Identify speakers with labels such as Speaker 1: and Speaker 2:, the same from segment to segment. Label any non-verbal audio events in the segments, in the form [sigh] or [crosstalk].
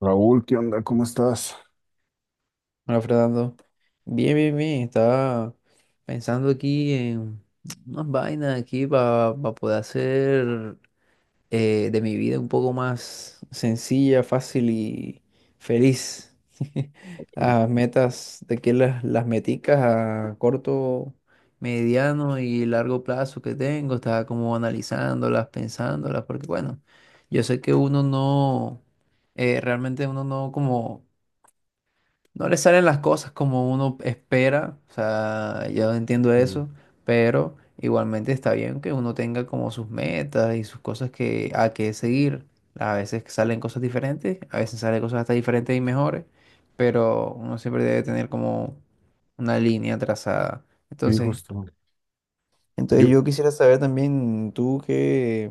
Speaker 1: Raúl, ¿qué onda? ¿Cómo estás?
Speaker 2: Hola, Fernando. Bien, bien, bien. Estaba pensando aquí en unas vainas aquí para poder hacer de mi vida un poco más sencilla, fácil y feliz. [laughs] Las metas, de que las meticas a corto, mediano y largo plazo que tengo, estaba como analizándolas, pensándolas, porque bueno, yo sé que uno no, realmente uno no como no le salen las cosas como uno espera, o sea, yo entiendo
Speaker 1: Sí,
Speaker 2: eso, pero igualmente está bien que uno tenga como sus metas y sus cosas que a que seguir. A veces salen cosas diferentes, a veces salen cosas hasta diferentes y mejores, pero uno siempre debe tener como una línea trazada.
Speaker 1: sí,
Speaker 2: Entonces,
Speaker 1: justo.
Speaker 2: entonces
Speaker 1: Yo,
Speaker 2: yo quisiera saber también tú qué,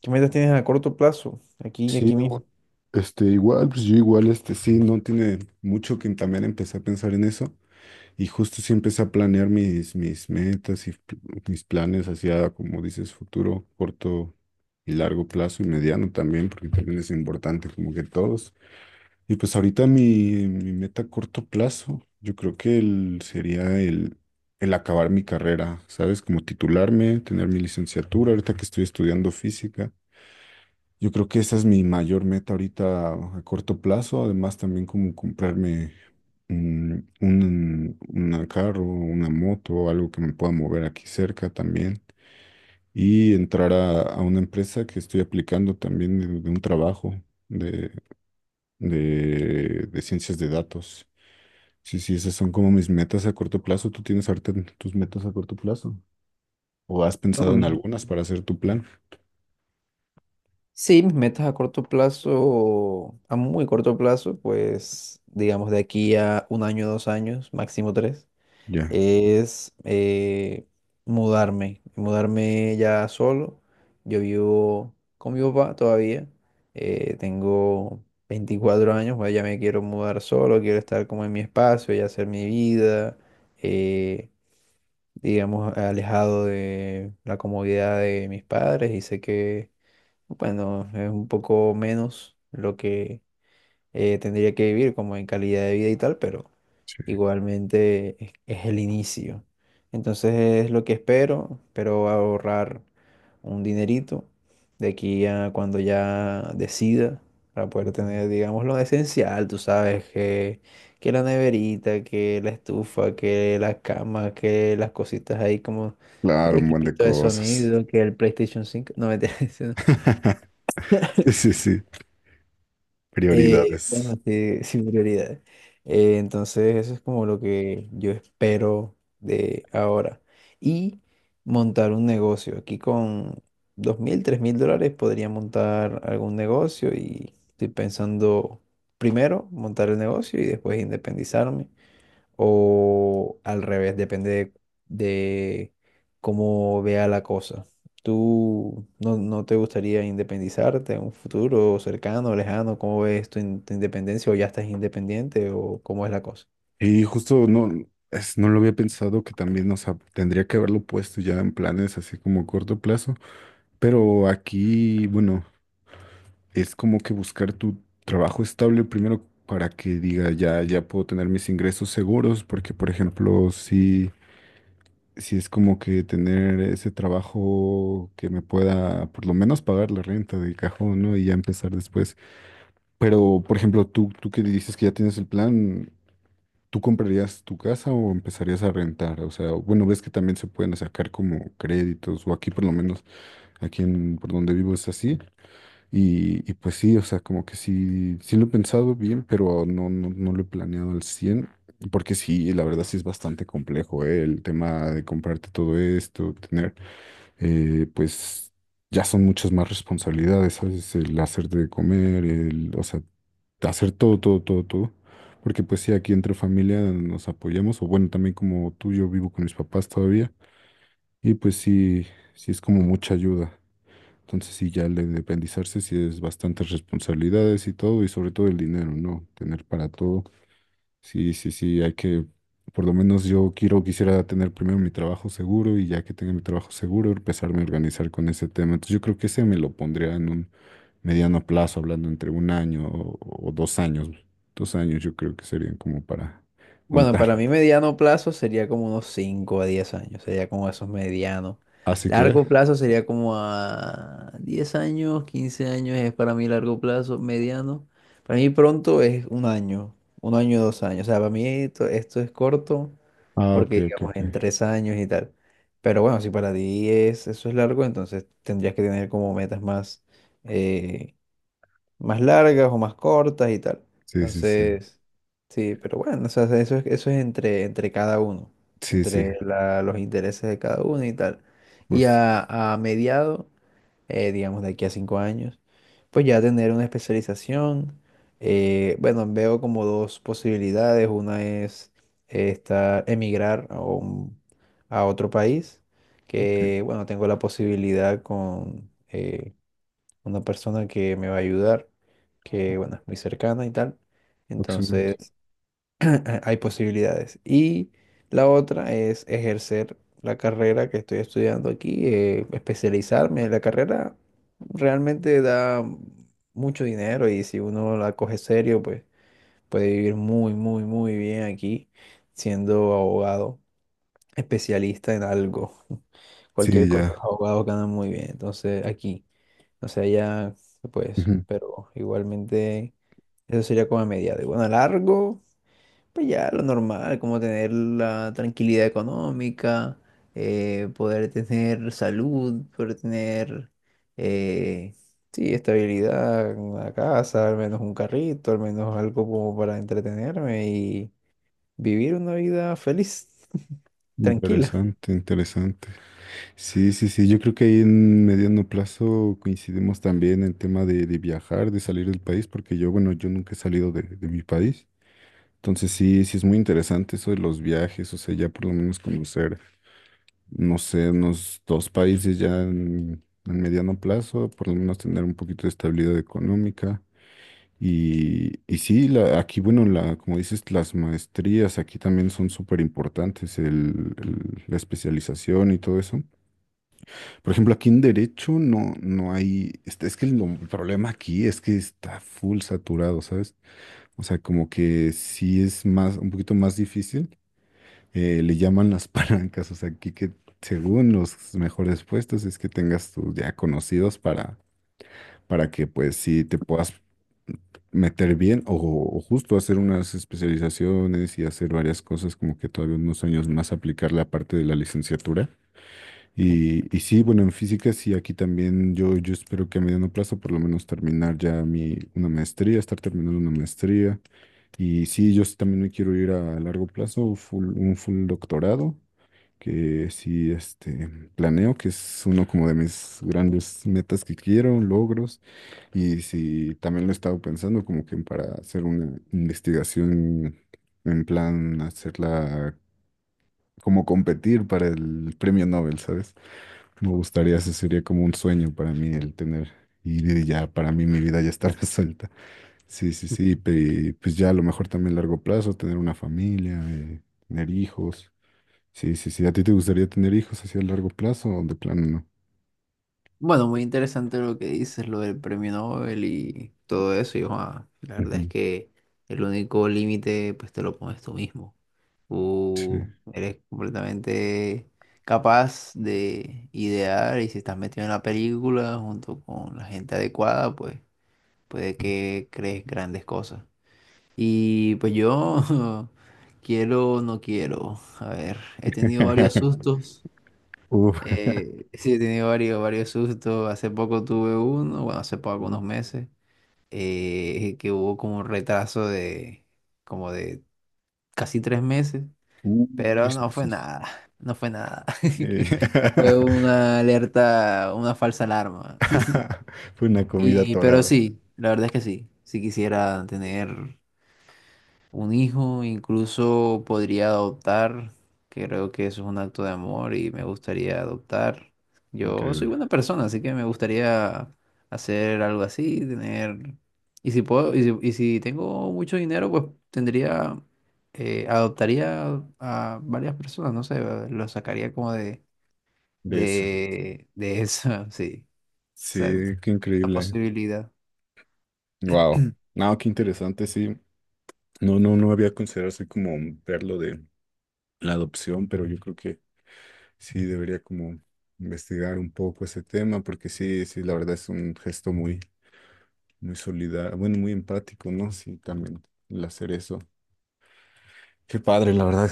Speaker 2: qué metas tienes a corto plazo, aquí,
Speaker 1: sí,
Speaker 2: aquí mismo.
Speaker 1: o- este, igual, pues yo igual, este, sí, no tiene mucho que también empecé a pensar en eso y justo sí empecé a planear mis metas y mis planes hacia, como dices, futuro, corto y largo plazo y mediano también, porque también es importante, como que todos. Y pues ahorita mi meta a corto plazo, yo creo que sería el acabar mi carrera, ¿sabes? Como titularme, tener mi licenciatura, ahorita que estoy estudiando física. Yo creo que esa es mi mayor meta ahorita a corto plazo, además también como comprarme una carro, una moto, algo que me pueda mover aquí cerca también. Y entrar a una empresa que estoy aplicando también de un trabajo de ciencias de datos. Sí, sí, esas son como mis metas a corto plazo. ¿Tú tienes ahorita tus metas a corto plazo? ¿O has
Speaker 2: Bueno,
Speaker 1: pensado en
Speaker 2: mismo.
Speaker 1: algunas para hacer tu plan?
Speaker 2: Sí, mis metas a corto plazo, a muy corto plazo, pues digamos de aquí a un año, 2 años, máximo tres,
Speaker 1: Ya.
Speaker 2: es mudarme ya solo. Yo vivo con mi papá todavía, tengo 24 años, pues ya me quiero mudar solo, quiero estar como en mi espacio y hacer mi vida, eh, digamos, alejado de la comodidad de mis padres y sé que bueno, es un poco menos lo que tendría que vivir como en calidad de vida y tal, pero
Speaker 1: Sí,
Speaker 2: igualmente es el inicio. Entonces es lo que espero, ahorrar un dinerito de aquí a cuando ya decida para
Speaker 1: sí,
Speaker 2: poder
Speaker 1: sí, sí.
Speaker 2: tener, digamos, lo esencial, tú sabes, que la neverita, que la estufa, que la cama, que las cositas ahí como el
Speaker 1: Claro, un buen de
Speaker 2: equipito de
Speaker 1: cosas.
Speaker 2: sonido, que el PlayStation 5 no me [laughs]
Speaker 1: [laughs] Sí, sí, sí. Prioridades.
Speaker 2: Bueno, sí, [laughs] sin prioridades. Entonces, eso es como lo que yo espero de ahora. Y montar un negocio. Aquí con 2.000 3.000 dólares podría montar algún negocio y estoy pensando primero montar el negocio y después independizarme o al revés, depende de cómo vea la cosa. ¿Tú no te gustaría independizarte en un futuro cercano, lejano? ¿Cómo ves tu independencia o ya estás independiente o cómo es la cosa?
Speaker 1: Y justo no, no lo había pensado que también, o sea, tendría que haberlo puesto ya en planes así como a corto plazo. Pero aquí, bueno, es como que buscar tu trabajo estable primero para que diga ya, ya puedo tener mis ingresos seguros, porque por ejemplo, si, si es como que tener ese trabajo que me pueda por lo menos pagar la renta de cajón, ¿no? Y ya empezar después. Pero por ejemplo, tú que dices que ya tienes el plan, ¿tú comprarías tu casa o empezarías a rentar? O sea, bueno, ves que también se pueden sacar como créditos, o aquí por lo menos, aquí en, por donde vivo es así y pues sí, o sea, como que sí, sí lo he pensado bien, pero no lo he planeado al 100 porque sí, la verdad sí es bastante complejo, ¿eh? El tema de comprarte todo esto, tener, pues ya son muchas más responsabilidades, ¿sabes? El hacerte de comer, el, o sea, hacer todo, todo, todo, todo. Porque pues sí, aquí entre familia nos apoyamos, o bueno, también como tú, yo vivo con mis papás todavía, y pues sí, sí es como mucha ayuda. Entonces sí, ya al independizarse sí es bastantes responsabilidades y todo, y sobre todo el dinero, ¿no? Tener para todo. Sí, sí, sí, hay que, por lo menos yo quiero, quisiera tener primero mi trabajo seguro y ya que tenga mi trabajo seguro, empezarme a organizar con ese tema. Entonces yo creo que ese me lo pondría en un mediano plazo, hablando entre un año o dos años. Dos años yo creo que serían como para
Speaker 2: Bueno, para
Speaker 1: contar.
Speaker 2: mí mediano plazo sería como unos 5 a 10 años, sería como esos medianos.
Speaker 1: [laughs] ¿Ah, sí crees?
Speaker 2: Largo plazo sería como a 10 años, 15 años es para mí largo plazo, mediano. Para mí pronto es un año, 2 años. O sea, para mí esto es corto
Speaker 1: Ah, ok,
Speaker 2: porque
Speaker 1: ok,
Speaker 2: digamos
Speaker 1: ok.
Speaker 2: en 3 años y tal. Pero bueno, si para ti es, eso es largo, entonces tendrías que tener como metas más, eh, más largas o más cortas y tal.
Speaker 1: Sí, sí, sí.
Speaker 2: Entonces, sí, pero bueno, o sea, eso es entre cada uno,
Speaker 1: Sí, sí,
Speaker 2: entre los intereses de cada uno y tal. Y
Speaker 1: justo.
Speaker 2: a mediado, digamos de aquí a 5 años, pues ya tener una especialización. Bueno, veo como dos posibilidades. Una es esta, emigrar a a otro país,
Speaker 1: Ok,
Speaker 2: que bueno, tengo la posibilidad con una persona que me va a ayudar, que bueno, es muy cercana y tal. Entonces,
Speaker 1: excelente.
Speaker 2: [laughs] hay posibilidades. Y la otra es ejercer la carrera que estoy estudiando aquí, especializarme. La carrera realmente da mucho dinero y si uno la coge serio, pues puede vivir muy, muy, muy bien aquí siendo abogado, especialista en algo. [laughs]
Speaker 1: Sí,
Speaker 2: Cualquier cosa,
Speaker 1: ya.
Speaker 2: los abogados ganan muy bien. Entonces, aquí. O sea, ya, pues,
Speaker 1: Ujú.
Speaker 2: pero igualmente eso sería como a mediado. Y bueno, a largo, pues ya lo normal, como tener la tranquilidad económica, poder tener salud, poder tener, eh, sí, estabilidad, una casa, al menos un carrito, al menos algo como para entretenerme y vivir una vida feliz, [laughs] tranquila.
Speaker 1: Interesante, interesante. Sí, sí, sí, yo creo que ahí en mediano plazo coincidimos también en el tema de viajar, de salir del país, porque yo, bueno, yo nunca he salido de mi país. Entonces sí, sí es muy interesante eso de los viajes, o sea, ya por lo menos conocer, no sé, unos dos países ya en mediano plazo, por lo menos tener un poquito de estabilidad económica. Y sí, aquí, bueno, la, como dices, las maestrías aquí también son súper importantes, la especialización y todo eso. Por ejemplo, aquí en Derecho no, no hay, este, es que el problema aquí es que está full saturado, ¿sabes? O sea, como que sí es más, un poquito más difícil, le llaman las [laughs] palancas, o sea, aquí que según los mejores puestos es que tengas tus ya conocidos para que pues sí te puedas meter bien o justo hacer unas especializaciones y hacer varias cosas como que todavía unos años más aplicar la parte de la licenciatura. Y sí, bueno, en física sí, aquí también yo espero que a mediano plazo por lo menos terminar ya mi, una maestría, estar terminando una maestría. Y sí, yo sí también me quiero ir a largo plazo, un full doctorado que sí, este, planeo, que es uno como de mis grandes metas que quiero, logros, y sí también lo he estado pensando como que para hacer una investigación en plan hacerla como competir para el premio Nobel, ¿sabes? Me gustaría, eso sería como un sueño para mí el tener, y ya para mí mi vida ya está [laughs] resuelta. Sí, sí, sí, pues ya a lo mejor también a largo plazo, tener una familia, tener hijos. Sí, sí, sí. ¿A ti te gustaría tener hijos hacia a largo plazo o de plano no?
Speaker 2: Bueno, muy interesante lo que dices, lo del premio Nobel y todo eso. Y joa, la verdad es
Speaker 1: Ujú.
Speaker 2: que el único límite, pues te lo pones tú mismo.
Speaker 1: Sí.
Speaker 2: Tú eres completamente capaz de idear y si estás metido en la película junto con la gente adecuada, pues puede que crees grandes cosas. Y pues yo [laughs] quiero, no quiero. A ver, he tenido varios
Speaker 1: [laughs]
Speaker 2: sustos.
Speaker 1: Uf. [laughs]
Speaker 2: Sí, he tenido varios, varios sustos. Hace poco tuve uno, bueno, hace poco,
Speaker 1: No.
Speaker 2: unos meses, que hubo como un retraso de como de casi 3 meses, pero
Speaker 1: Tres
Speaker 2: no fue
Speaker 1: meses.
Speaker 2: nada, [laughs] no fue nada.
Speaker 1: Eh,
Speaker 2: [laughs] Fue una alerta, una falsa alarma. [laughs]
Speaker 1: [laughs] Fue una comida
Speaker 2: Y, pero
Speaker 1: torada.
Speaker 2: sí, la verdad es que sí quisiera tener un hijo, incluso podría adoptar. Creo que eso es un acto de amor y me gustaría adoptar. Yo soy
Speaker 1: Increíble.
Speaker 2: buena persona, así que me gustaría hacer algo así, tener... Y si puedo, y si tengo mucho dinero, pues tendría, adoptaría a varias personas, no sé, lo sacaría como de,
Speaker 1: De eso.
Speaker 2: de, de eso, [laughs] sí, exacto,
Speaker 1: Sí, qué
Speaker 2: la
Speaker 1: increíble.
Speaker 2: posibilidad.
Speaker 1: Wow. No, qué interesante, sí. No había considerado así como verlo de la adopción, pero yo creo que sí debería como investigar un poco ese tema, porque sí, sí, la verdad es un gesto muy muy solidario, bueno, muy empático, ¿no? Sí, también el hacer eso. Qué padre, la verdad.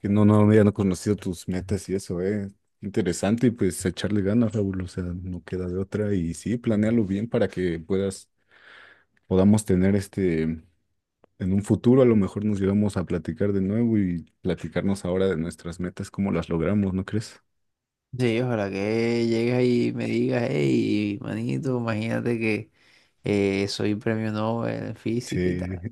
Speaker 1: Que no, no había no conocido tus metas y eso, ¿eh? Interesante y pues echarle ganas, Raúl, o sea, no queda de otra y sí, planéalo bien para que puedas, podamos tener este, en un futuro a lo mejor nos llegamos a platicar de nuevo y platicarnos ahora de nuestras metas, cómo las logramos, ¿no crees?
Speaker 2: Sí, ojalá que llegues ahí y me digas, hey, manito, imagínate que soy premio Nobel en física y
Speaker 1: Sí.
Speaker 2: tal.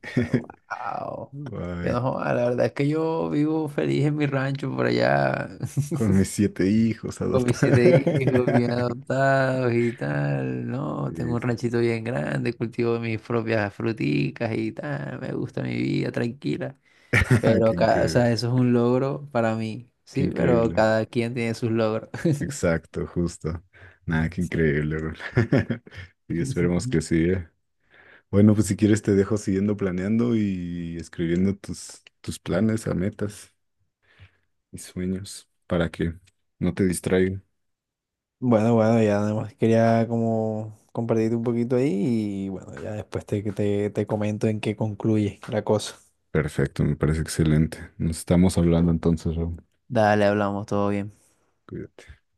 Speaker 2: Wow.
Speaker 1: [laughs]
Speaker 2: Yo
Speaker 1: Ay,
Speaker 2: no, joda, la verdad es que yo vivo feliz en mi rancho por allá,
Speaker 1: con mis
Speaker 2: [laughs]
Speaker 1: siete hijos
Speaker 2: con mis
Speaker 1: adoptados.
Speaker 2: 7 hijos
Speaker 1: [laughs]
Speaker 2: bien adoptados y tal, ¿no? Tengo
Speaker 1: Sí,
Speaker 2: un
Speaker 1: sí.
Speaker 2: ranchito bien grande, cultivo mis propias fruticas y tal, me gusta mi vida tranquila.
Speaker 1: [laughs]
Speaker 2: Pero,
Speaker 1: Qué
Speaker 2: o
Speaker 1: increíble.
Speaker 2: sea, eso es un logro para mí,
Speaker 1: Qué
Speaker 2: sí, pero
Speaker 1: increíble.
Speaker 2: cada quien tiene sus logros.
Speaker 1: Exacto, justo. Nada, qué increíble, bro. [laughs] Y esperemos que
Speaker 2: [laughs]
Speaker 1: sí, ¿eh? Bueno, pues si quieres te dejo siguiendo planeando y escribiendo tus, tus planes a metas y sueños para que no te distraigan.
Speaker 2: Bueno, bueno, ya nada más quería como compartirte un poquito ahí y bueno, ya después te comento en qué concluye la cosa.
Speaker 1: Perfecto, me parece excelente. Nos estamos hablando entonces, Raúl.
Speaker 2: Dale, hablamos, todo bien.
Speaker 1: Cuídate.